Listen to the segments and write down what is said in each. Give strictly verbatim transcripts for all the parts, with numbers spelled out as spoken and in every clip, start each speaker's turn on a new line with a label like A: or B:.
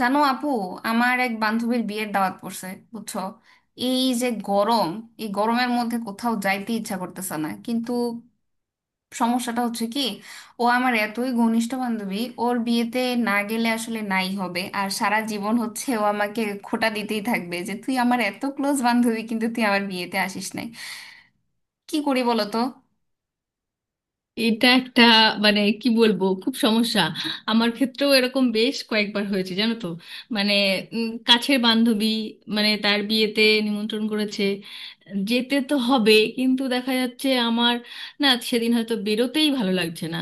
A: জানো আপু, আমার এক বান্ধবীর বিয়ের দাওয়াত পড়ছে, বুঝছো? এই যে গরম, এই গরমের মধ্যে কোথাও যাইতে ইচ্ছা করতেছে না, কিন্তু সমস্যাটা হচ্ছে কি, ও আমার এতই ঘনিষ্ঠ বান্ধবী, ওর বিয়েতে না গেলে আসলে নাই হবে। আর সারা জীবন হচ্ছে ও আমাকে খোঁটা দিতেই থাকবে যে তুই আমার এত ক্লোজ বান্ধবী, কিন্তু তুই আমার বিয়েতে আসিস নাই। কি করি বলো তো?
B: এটা একটা মানে কি বলবো, খুব সমস্যা। আমার ক্ষেত্রেও এরকম বেশ কয়েকবার হয়েছে, জানো তো। মানে, উম, কাছের বান্ধবী, মানে তার বিয়েতে নিমন্ত্রণ করেছে, যেতে তো হবে। কিন্তু দেখা যাচ্ছে আমার না, সেদিন হয়তো বেরোতেই ভালো লাগছে না,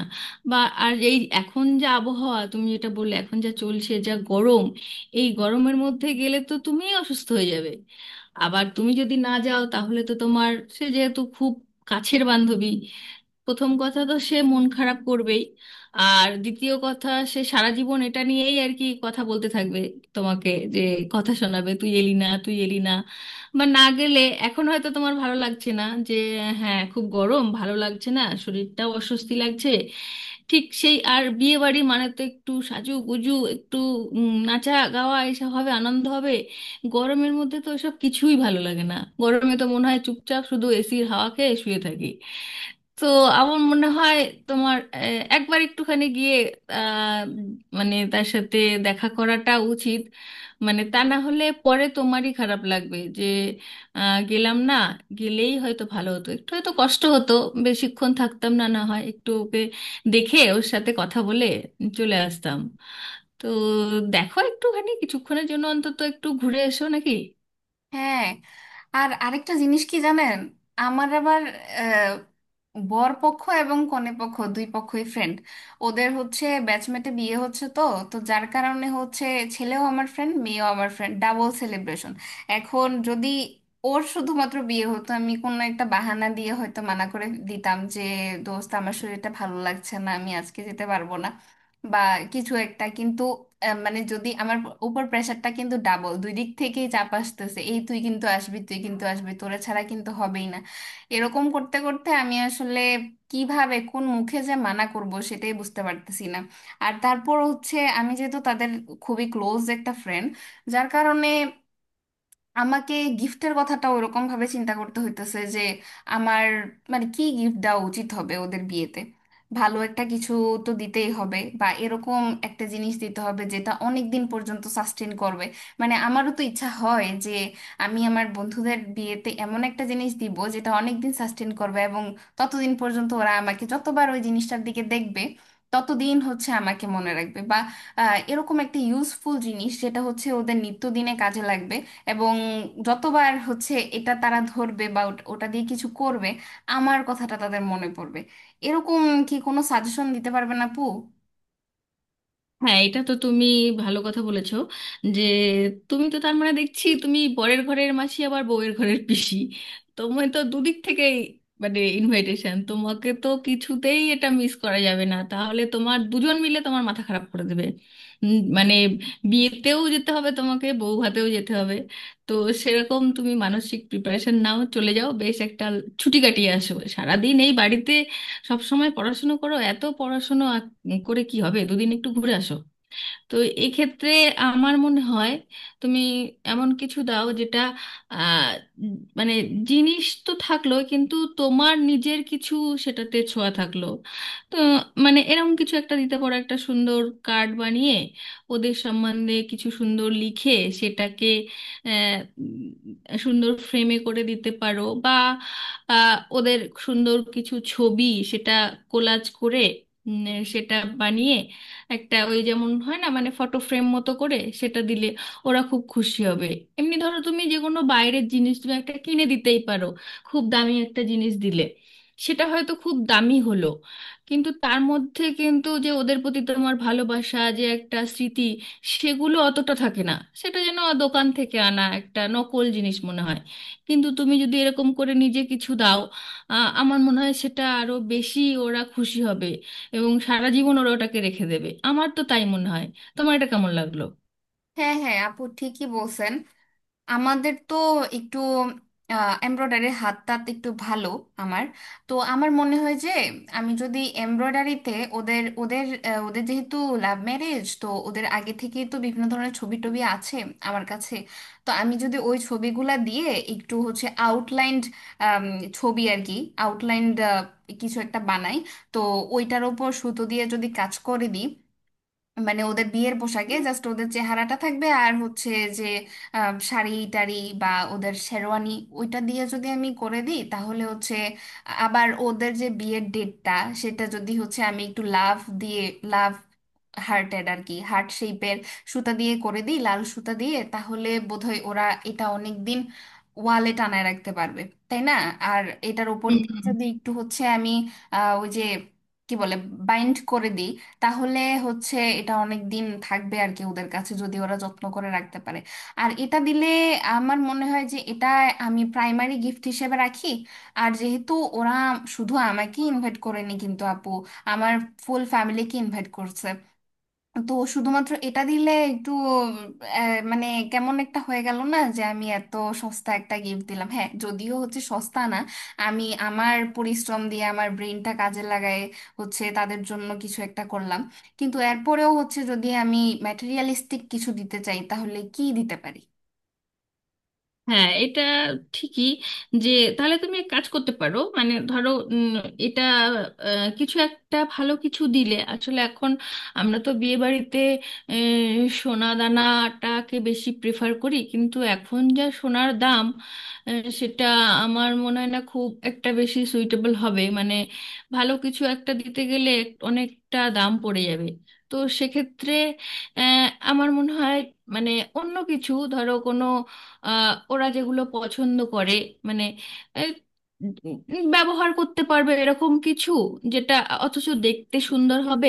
B: বা আর এই এখন যা আবহাওয়া, তুমি যেটা বললে, এখন যা চলছে, যা গরম, এই গরমের মধ্যে গেলে তো তুমিই অসুস্থ হয়ে যাবে। আবার তুমি যদি না যাও তাহলে তো তোমার, সে যেহেতু খুব কাছের বান্ধবী, প্রথম কথা তো সে মন খারাপ করবেই। আর দ্বিতীয় কথা, সে সারা জীবন এটা নিয়েই আর কি কথা বলতে থাকবে, তোমাকে যে কথা শোনাবে, তুই এলি না, তুই এলি না। বা না গেলে এখন হয়তো তোমার ভালো লাগছে না যে হ্যাঁ, খুব গরম, ভালো লাগছে না, শরীরটাও অস্বস্তি লাগছে, ঠিক সেই। আর বিয়ে বাড়ি মানে তো একটু সাজুগুজু, একটু উম, নাচা গাওয়া, এসব হবে, আনন্দ হবে। গরমের মধ্যে তো এসব কিছুই ভালো লাগে না, গরমে তো মনে হয় চুপচাপ শুধু এসির হাওয়া খেয়ে শুয়ে থাকি। তো আমার মনে হয় তোমার আহ, একবার একটুখানি গিয়ে, আহ, মানে তার সাথে দেখা করাটা উচিত। মানে তা না হলে পরে তোমারই খারাপ লাগবে যে আহ, গেলাম না, গেলেই হয়তো ভালো হতো, একটু হয়তো কষ্ট হতো, বেশিক্ষণ থাকতাম না, না হয় একটু ওকে দেখে ওর সাথে কথা বলে চলে আসতাম। তো দেখো, একটুখানি কিছুক্ষণের জন্য অন্তত একটু ঘুরে এসো, নাকি?
A: হ্যাঁ, আর আরেকটা জিনিস কি জানেন, আমার আবার আহ, বর পক্ষ এবং কনে পক্ষ, দুই পক্ষই ফ্রেন্ড। ওদের হচ্ছে ব্যাচমেটে বিয়ে হচ্ছে তো, তো যার কারণে হচ্ছে ছেলেও আমার ফ্রেন্ড, মেয়েও আমার ফ্রেন্ড, ডাবল সেলিব্রেশন। এখন যদি ওর শুধুমাত্র বিয়ে হতো, আমি কোনো একটা বাহানা দিয়ে হয়তো মানা করে দিতাম যে দোস্ত আমার শরীরটা ভালো লাগছে না, আমি আজকে যেতে পারবো না বা কিছু একটা। কিন্তু আহ, মানে যদি আমার উপর প্রেশারটা, কিন্তু ডাবল দুই দিক থেকেই চাপ আসতেছে, এই তুই কিন্তু আসবি, তুই কিন্তু আসবি, তোরা ছাড়া কিন্তু হবেই না। এরকম করতে করতে আমি আসলে কিভাবে কোন মুখে যে মানা করব সেটাই বুঝতে পারতেছি না। আর তারপর হচ্ছে আমি যেহেতু তাদের খুবই ক্লোজ একটা ফ্রেন্ড, যার কারণে আমাকে গিফটের কথাটা ওরকম ভাবে চিন্তা করতে হইতেছে। যে আমার মানে কি গিফট দেওয়া উচিত হবে ওদের বিয়েতে। ভালো একটা কিছু তো দিতেই হবে, বা এরকম একটা জিনিস দিতে হবে যেটা অনেক দিন পর্যন্ত সাস্টেন করবে। মানে আমারও তো ইচ্ছা হয় যে আমি আমার বন্ধুদের বিয়েতে এমন একটা জিনিস দিব যেটা অনেক দিন সাস্টেন করবে, এবং ততদিন পর্যন্ত ওরা আমাকে যতবার ওই জিনিসটার দিকে দেখবে ততদিন হচ্ছে আমাকে মনে রাখবে। বা আহ, এরকম একটা ইউজফুল জিনিস যেটা হচ্ছে ওদের নিত্যদিনে কাজে লাগবে, এবং যতবার হচ্ছে এটা তারা ধরবে বা ওট- ওটা দিয়ে কিছু করবে আমার কথাটা তাদের মনে পড়বে, এরকম কি কোনো সাজেশন দিতে পারবেন আপু?
B: হ্যাঁ, এটা তো তুমি ভালো কথা বলেছো, যে তুমি তো তার মানে, দেখছি তুমি বরের ঘরের মাসি আবার বউয়ের ঘরের পিসি। তোমার তো দুদিক থেকেই মানে ইনভাইটেশন, তোমাকে তো কিছুতেই এটা মিস করা যাবে না, তাহলে তোমার দুজন মিলে তোমার মাথা খারাপ করে দেবে। উম, মানে বিয়েতেও যেতে হবে তোমাকে, বউ ভাতেও যেতে হবে। তো সেরকম তুমি মানসিক প্রিপারেশন নাও, চলে যাও, বেশ একটা ছুটি কাটিয়ে আসো। সারাদিন এই বাড়িতে সব সময় পড়াশুনো করো, এত পড়াশুনো আ- করে কি হবে, দুদিন একটু ঘুরে আসো। তো এক্ষেত্রে আমার মনে হয় তুমি এমন কিছু দাও যেটা, আহ, মানে জিনিস তো থাকলো কিন্তু তোমার নিজের কিছু সেটাতে ছোঁয়া থাকলো। তো মানে এরকম কিছু একটা দিতে পারো, একটা সুন্দর কার্ড বানিয়ে ওদের সম্বন্ধে কিছু সুন্দর লিখে, সেটাকে আহ, উম, সুন্দর ফ্রেমে করে দিতে পারো। বা আহ, ওদের সুন্দর কিছু ছবি সেটা কোলাজ করে, উম, সেটা বানিয়ে একটা, ওই যেমন হয় না মানে ফটো ফ্রেম মতো করে সেটা দিলে ওরা খুব খুশি হবে। এমনি ধরো তুমি যে কোনো বাইরের জিনিস তুমি একটা কিনে দিতেই পারো, খুব দামি একটা জিনিস দিলে সেটা হয়তো খুব দামি হলো, কিন্তু তার মধ্যে কিন্তু যে ওদের প্রতি তোমার ভালোবাসা, যে একটা স্মৃতি, সেগুলো অতটা থাকে না। সেটা যেন দোকান থেকে আনা একটা নকল জিনিস মনে হয়। কিন্তু তুমি যদি এরকম করে নিজে কিছু দাও, আ, আমার মনে হয় সেটা আরো বেশি ওরা খুশি হবে এবং সারা জীবন ওরা ওটাকে রেখে দেবে। আমার তো তাই মনে হয়, তোমার এটা কেমন লাগলো?
A: হ্যাঁ হ্যাঁ আপু, ঠিকই বলছেন। আমাদের তো একটু এমব্রয়ডারি হাত টাত একটু ভালো। আমার তো আমার মনে হয় যে আমি যদি এমব্রয়ডারিতে ওদের ওদের আহ, ওদের যেহেতু লাভ ম্যারেজ, তো ওদের আগে থেকেই তো বিভিন্ন ধরনের ছবি টবি আছে আমার কাছে। তো আমি যদি ওই ছবিগুলা দিয়ে একটু হচ্ছে আউটলাইন্ড ছবি আর কি, আউটলাইন্ড কিছু একটা বানাই, তো ওইটার ওপর সুতো দিয়ে যদি কাজ করে দিই, মানে ওদের বিয়ের পোশাকে জাস্ট ওদের চেহারাটা থাকবে আর হচ্ছে যে আম, শাড়ি টাড়ি বা ওদের শেরওয়ানি, ওইটা দিয়ে যদি আমি করে দিই তাহলে হচ্ছে। আবার ওদের যে বিয়ের ডেটটা, সেটা যদি হচ্ছে আমি একটু লাভ দিয়ে, লাভ হার্টের আর কি, হার্ট শেপের সুতা দিয়ে করে দিই, লাল সুতা দিয়ে, তাহলে বোধহয় ওরা এটা অনেক দিন ওয়ালে টানায় রাখতে পারবে, তাই না? আর এটার উপর দিয়ে যদি একটু হচ্ছে আমি আহ, ওই যে কি বলে বাইন্ড করে দিই, তাহলে হচ্ছে এটা অনেক দিন থাকবে আর কি, ওদের কাছে যদি ওরা যত্ন করে রাখতে পারে। আর এটা দিলে আমার মনে হয় যে এটা আমি প্রাইমারি গিফট হিসেবে রাখি। আর যেহেতু ওরা শুধু আমাকে ইনভাইট করেনি কিন্তু আপু, আমার ফুল ফ্যামিলিকে ইনভাইট করছে, তো শুধুমাত্র এটা দিলে একটু আহ, মানে কেমন একটা হয়ে গেল না, যে আমি এত সস্তা একটা গিফট দিলাম। হ্যাঁ, যদিও হচ্ছে সস্তা না, আমি আমার পরিশ্রম দিয়ে আমার ব্রেনটা কাজে লাগায় হচ্ছে তাদের জন্য কিছু একটা করলাম, কিন্তু এরপরেও হচ্ছে যদি আমি ম্যাটেরিয়ালিস্টিক কিছু দিতে চাই, তাহলে কি দিতে পারি?
B: হ্যাঁ, এটা ঠিকই যে, তাহলে তুমি এক কাজ করতে পারো। মানে ধরো, উম, এটা আহ, কিছু একটা ভালো কিছু দিলে, আসলে এখন আমরা তো বিয়ে বাড়িতে আহ, সোনা দানাটাকে বেশি প্রেফার করি, কিন্তু এখন যা সোনার দাম, আহ, সেটা আমার মনে হয় না খুব একটা বেশি সুইটেবল হবে। মানে ভালো কিছু একটা দিতে গেলে এক- অনেকটা দাম পড়ে যাবে। তো সেক্ষেত্রে আহ, আমার মনে হয় মানে অন্য কিছু, ধরো কোনো আহ, ওরা যেগুলো পছন্দ করে, মানে এই, উম, উম, ব্যবহার করতে পারবে এরকম কিছু যেটা অথচ দেখতে সুন্দর হবে,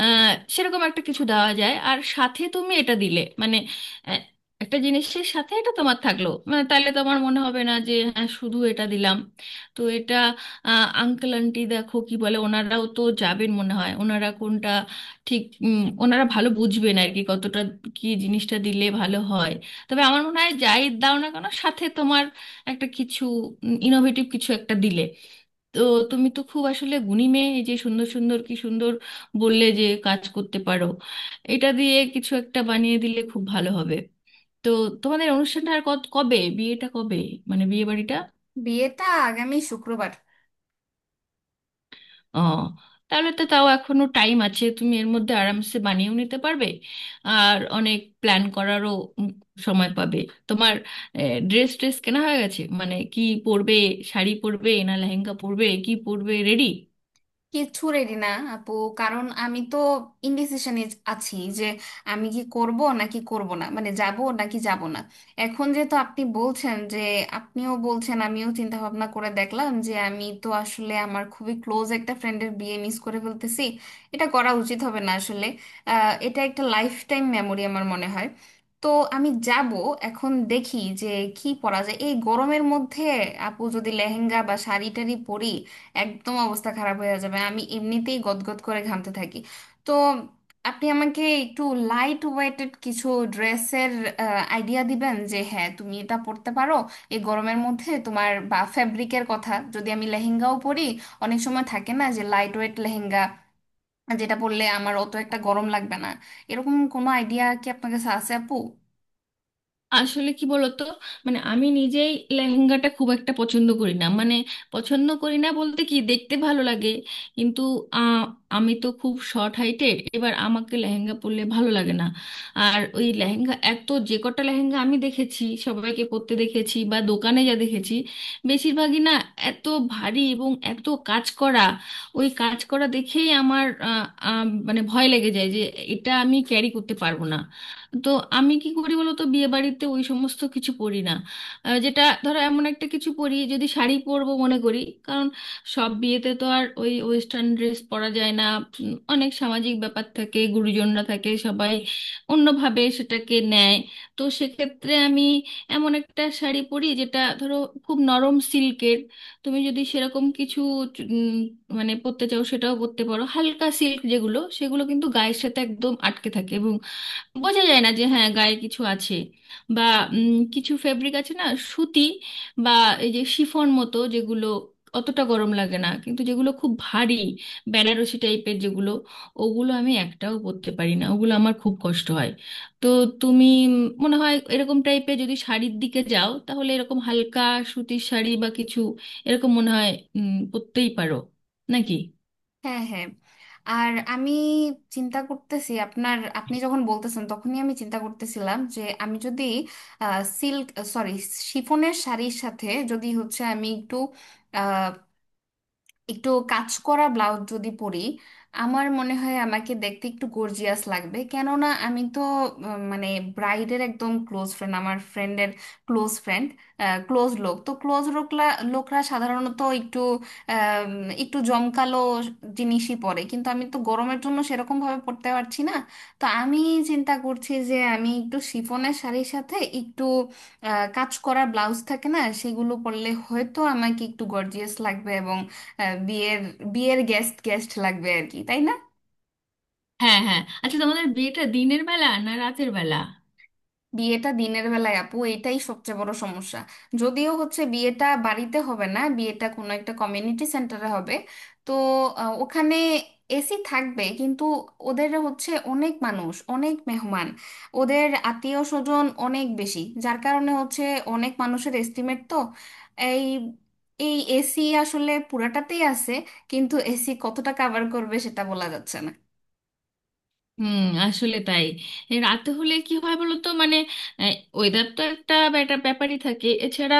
B: আহ, সেরকম একটা কিছু দেওয়া যায়। আর সাথে তুমি এটা দিলে মানে, আহ, একটা জিনিসের সাথে এটা তোমার থাকলো মানে, তাহলে তোমার মনে হবে না যে হ্যাঁ শুধু এটা দিলাম। তো এটা আঙ্কেল আন্টি দেখো কি বলে, ওনারাও তো যাবেন মনে হয়, ওনারা কোনটা ঠিক উম, ওনারা ভালো বুঝবেন আর কি, কতটা কি জিনিসটা দিলে ভালো হয়। তবে আমার মনে হয় যাই দাও না কেন, সাথে তোমার একটা কিছু ইনোভেটিভ কিছু একটা দিলে। তো তুমি তো খুব আসলে গুণী মেয়ে, এই যে সুন্দর সুন্দর কি সুন্দর বললে যে কাজ করতে পারো, এটা দিয়ে কিছু একটা বানিয়ে দিলে খুব ভালো হবে। তো তোমাদের অনুষ্ঠানটা আর কত- কবে, বিয়েটা কবে, মানে বিয়ে বাড়িটা?
A: বিয়েটা আগামী শুক্রবার।
B: ও, তাহলে তো তাও এখনো টাইম আছে, তুমি এর মধ্যে আরামসে বানিয়েও নিতে পারবে আর অনেক প্ল্যান করারও উম সময় পাবে। তোমার ড্রেস ট্রেস কেনা হয়ে গেছে? মানে কি পরবে, শাড়ি পরবে না লেহেঙ্গা পরবে, কি পরবে, রেডি?
A: কিছু রেডি না আপু, কারণ আমি তো ইনডিসিশনে আছি যে আমি কি করব নাকি করব না, মানে যাব নাকি যাব না। এখন যেহেতু আপনি বলছেন যে, আপনিও বলছেন, আমিও চিন্তা ভাবনা করে দেখলাম যে আমি তো আসলে আমার খুবই ক্লোজ একটা ফ্রেন্ডের বিয়ে মিস করে ফেলতেছি, এটা করা উচিত হবে না আসলে। আহ, এটা একটা লাইফ টাইম মেমোরি আমার মনে হয়। তো আমি যাব। এখন দেখি যে কি পরা যায় এই গরমের মধ্যে। আপু যদি লেহেঙ্গা বা শাড়ি টাড়ি পরি, একদম অবস্থা খারাপ হয়ে যাবে, আমি এমনিতেই গদগদ করে ঘামতে থাকি। তো আপনি আমাকে একটু লাইট ওয়েটেড কিছু ড্রেসের আইডিয়া দিবেন যে হ্যাঁ তুমি এটা পরতে পারো এই গরমের মধ্যে তোমার, বা ফ্যাব্রিকের কথা যদি আমি লেহেঙ্গাও পরি, অনেক সময় থাকে না যে লাইট ওয়েট লেহেঙ্গা যেটা পরলে আমার অত একটা গরম লাগবে না, এরকম কোনো আইডিয়া কি আপনার কাছে আছে আপু?
B: আসলে কি বলতো, মানে আমি নিজেই লেহেঙ্গাটা খুব একটা পছন্দ করি না। মানে পছন্দ করি না বলতে কি, দেখতে ভালো লাগে কিন্তু আহ, আমি তো খুব শর্ট হাইটের, এবার আমাকে লেহেঙ্গা পরলে ভালো লাগে না। আর ওই লেহেঙ্গা, এত যে কটা লেহেঙ্গা আমি দেখেছি সবাইকে পরতে দেখেছি বা দোকানে যা দেখেছি, বেশিরভাগই না এত ভারী এবং এত কাজ করা, ওই কাজ করা দেখেই আমার আহ, আহ, মানে ভয় লেগে যায় যে এটা আমি ক্যারি করতে পারবো না। তো আমি কি করি বলতো, বিয়ে বাড়িতে ওই সমস্ত কিছু পরি না, আহ, যেটা ধরো এমন একটা কিছু পরি, যদি শাড়ি পরবো মনে করি। কারণ সব বিয়েতে তো আর ওই ওয়েস্টার্ন ড্রেস পরা যায় না, উম, অনেক সামাজিক ব্যাপার থাকে, গুরুজনরা থাকে, সবাই অন্যভাবে সেটাকে নেয়। তো সেক্ষেত্রে আমি এমন একটা শাড়ি পরি যেটা ধরো খুব নরম সিল্কের। তুমি যদি সেরকম কিছু উম, মানে পরতে চাও, সেটাও পরতে পারো। হালকা সিল্ক যেগুলো, সেগুলো কিন্তু গায়ের সাথে একদম আটকে থাকে, বোঝা যায় না যে হ্যাঁ গায়ে কিছু আছে। বা উম, কিছু ফেব্রিক আছে না, সুতি বা এই যে শিফন মতো যেগুলো, অতটা গরম লাগে না। কিন্তু যেগুলো খুব ভারী বেনারসি টাইপের যেগুলো, ওগুলো আমি একটাও পরতে পারি না, ওগুলো আমার খুব কষ্ট হয়। তো তুমি উম, মনে হয় এরকম টাইপের যদি শাড়ির দিকে যাও, তাহলে এরকম হালকা সুতির শাড়ি বা কিছু এরকম মনে হয় উম, পরতেই পারো, নাকি?
A: হ্যাঁ হ্যাঁ, আর আমি চিন্তা করতেছি আপনার, আপনি যখন বলতেছেন তখনই আমি চিন্তা করতেছিলাম যে আমি যদি সিল্ক, সরি, শিফনের শাড়ির সাথে যদি হচ্ছে আমি একটু, একটু কাজ করা ব্লাউজ যদি পরি, আমার মনে হয় আমাকে দেখতে একটু গর্জিয়াস লাগবে। কেননা আমি তো আহ, মানে ব্রাইডের একদম ক্লোজ ফ্রেন্ড, আমার ফ্রেন্ডের ক্লোজ ফ্রেন্ড, ক্লোজ লোক, তো ক্লোজ লোকরা লোকরা সাধারণত একটু আম, একটু জমকালো জিনিসই পরে, কিন্তু আমি তো গরমের জন্য সেরকম ভাবে পরতে পারছি না। তো আমি চিন্তা করছি যে আমি একটু শিফনের শাড়ির সাথে একটু আহ, কাজ করা ব্লাউজ থাকে না, সেগুলো পরলে হয়তো আমাকে একটু গর্জিয়াস লাগবে। হ্যাঁ, বিয়ের বিয়ের গেস্ট গেস্ট লাগবে আর কি, তাই না?
B: হ্যাঁ, হ্যাঁ, আচ্ছা, তোমাদের বিয়েটা দিনের বেলা না রাতের বেলা?
A: বিয়েটা দিনের বেলায় আপু, এটাই সবচেয়ে বড় সমস্যা। যদিও হচ্ছে বিয়েটা বাড়িতে হবে না, বিয়েটা কোনো একটা কমিউনিটি সেন্টারে হবে। তো আহ, ওখানে এসি থাকবে, কিন্তু ওদের হচ্ছে অনেক মানুষ, অনেক মেহমান, ওদের আত্মীয় স্বজন অনেক বেশি, যার কারণে হচ্ছে অনেক মানুষের এস্টিমেট তো, এই এই এসি আসলে পুরাটাতেই আছে, কিন্তু এসি কতটা কভার করবে সেটা বলা যাচ্ছে না।
B: হুম, আসলে তাই। এই রাতে হলে কি হয় বলো তো, মানে ওয়েদার তো একটা ব্যাটা- ব্যাপারই থাকে। এছাড়া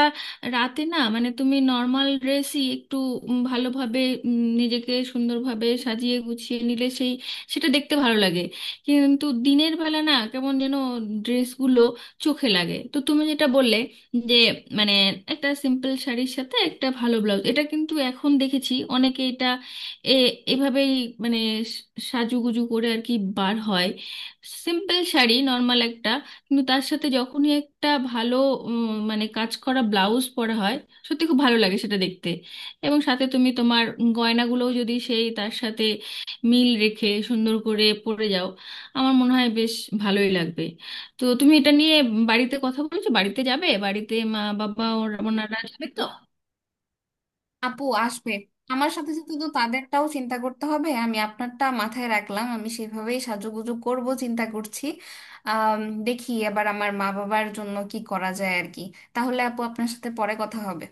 B: রাতে না মানে তুমি নর্মাল ড্রেসই একটু উম, ভালোভাবে উম, নিজেকে সুন্দরভাবে সাজিয়ে গুছিয়ে নিলে সেই, সেটা দেখতে ভালো লাগে। কিন্তু দিনের বেলা না কেমন যেন ড্রেসগুলো চোখে লাগে। তো তুমি যেটা বললে যে মানে একটা সিম্পল শাড়ির সাথে একটা ভালো ব্লাউজ, এটা কিন্তু এখন দেখেছি অনেকে এটা এ এভাবেই মানে স- সাজুগুজু করে আর কি বার হয়, সিম্পল শাড়ি নর্মাল একটা। কিন্তু তার সাথে যখনই একটা ভালো উম, মানে কাজ করা ব্লাউজ পরা হয়, সত্যি খুব ভালো লাগে সেটা দেখতে। এবং সাথে তুমি তোমার গয়নাগুলোও যদি সেই তার সাথে মিল রেখে সুন্দর করে পরে যাও, আমার মনে হয় বেশ ভালোই লাগবে। তো তুমি এটা নিয়ে বাড়িতে কথা বলেছো, বাড়িতে যাবে, বাড়িতে মা বাবা ওরা- ওনারা যাবে তো?
A: আপু আসবে, আমার সাথে সাথে তো তাদেরটাও চিন্তা করতে হবে। আমি আপনারটা মাথায় রাখলাম, আমি সেভাবেই সাজুগুজু করব চিন্তা করছি। আম, দেখি এবার আমার মা বাবার জন্য কি করা যায় আর কি। তাহলে আপু, আপনার সাথে পরে কথা হবে।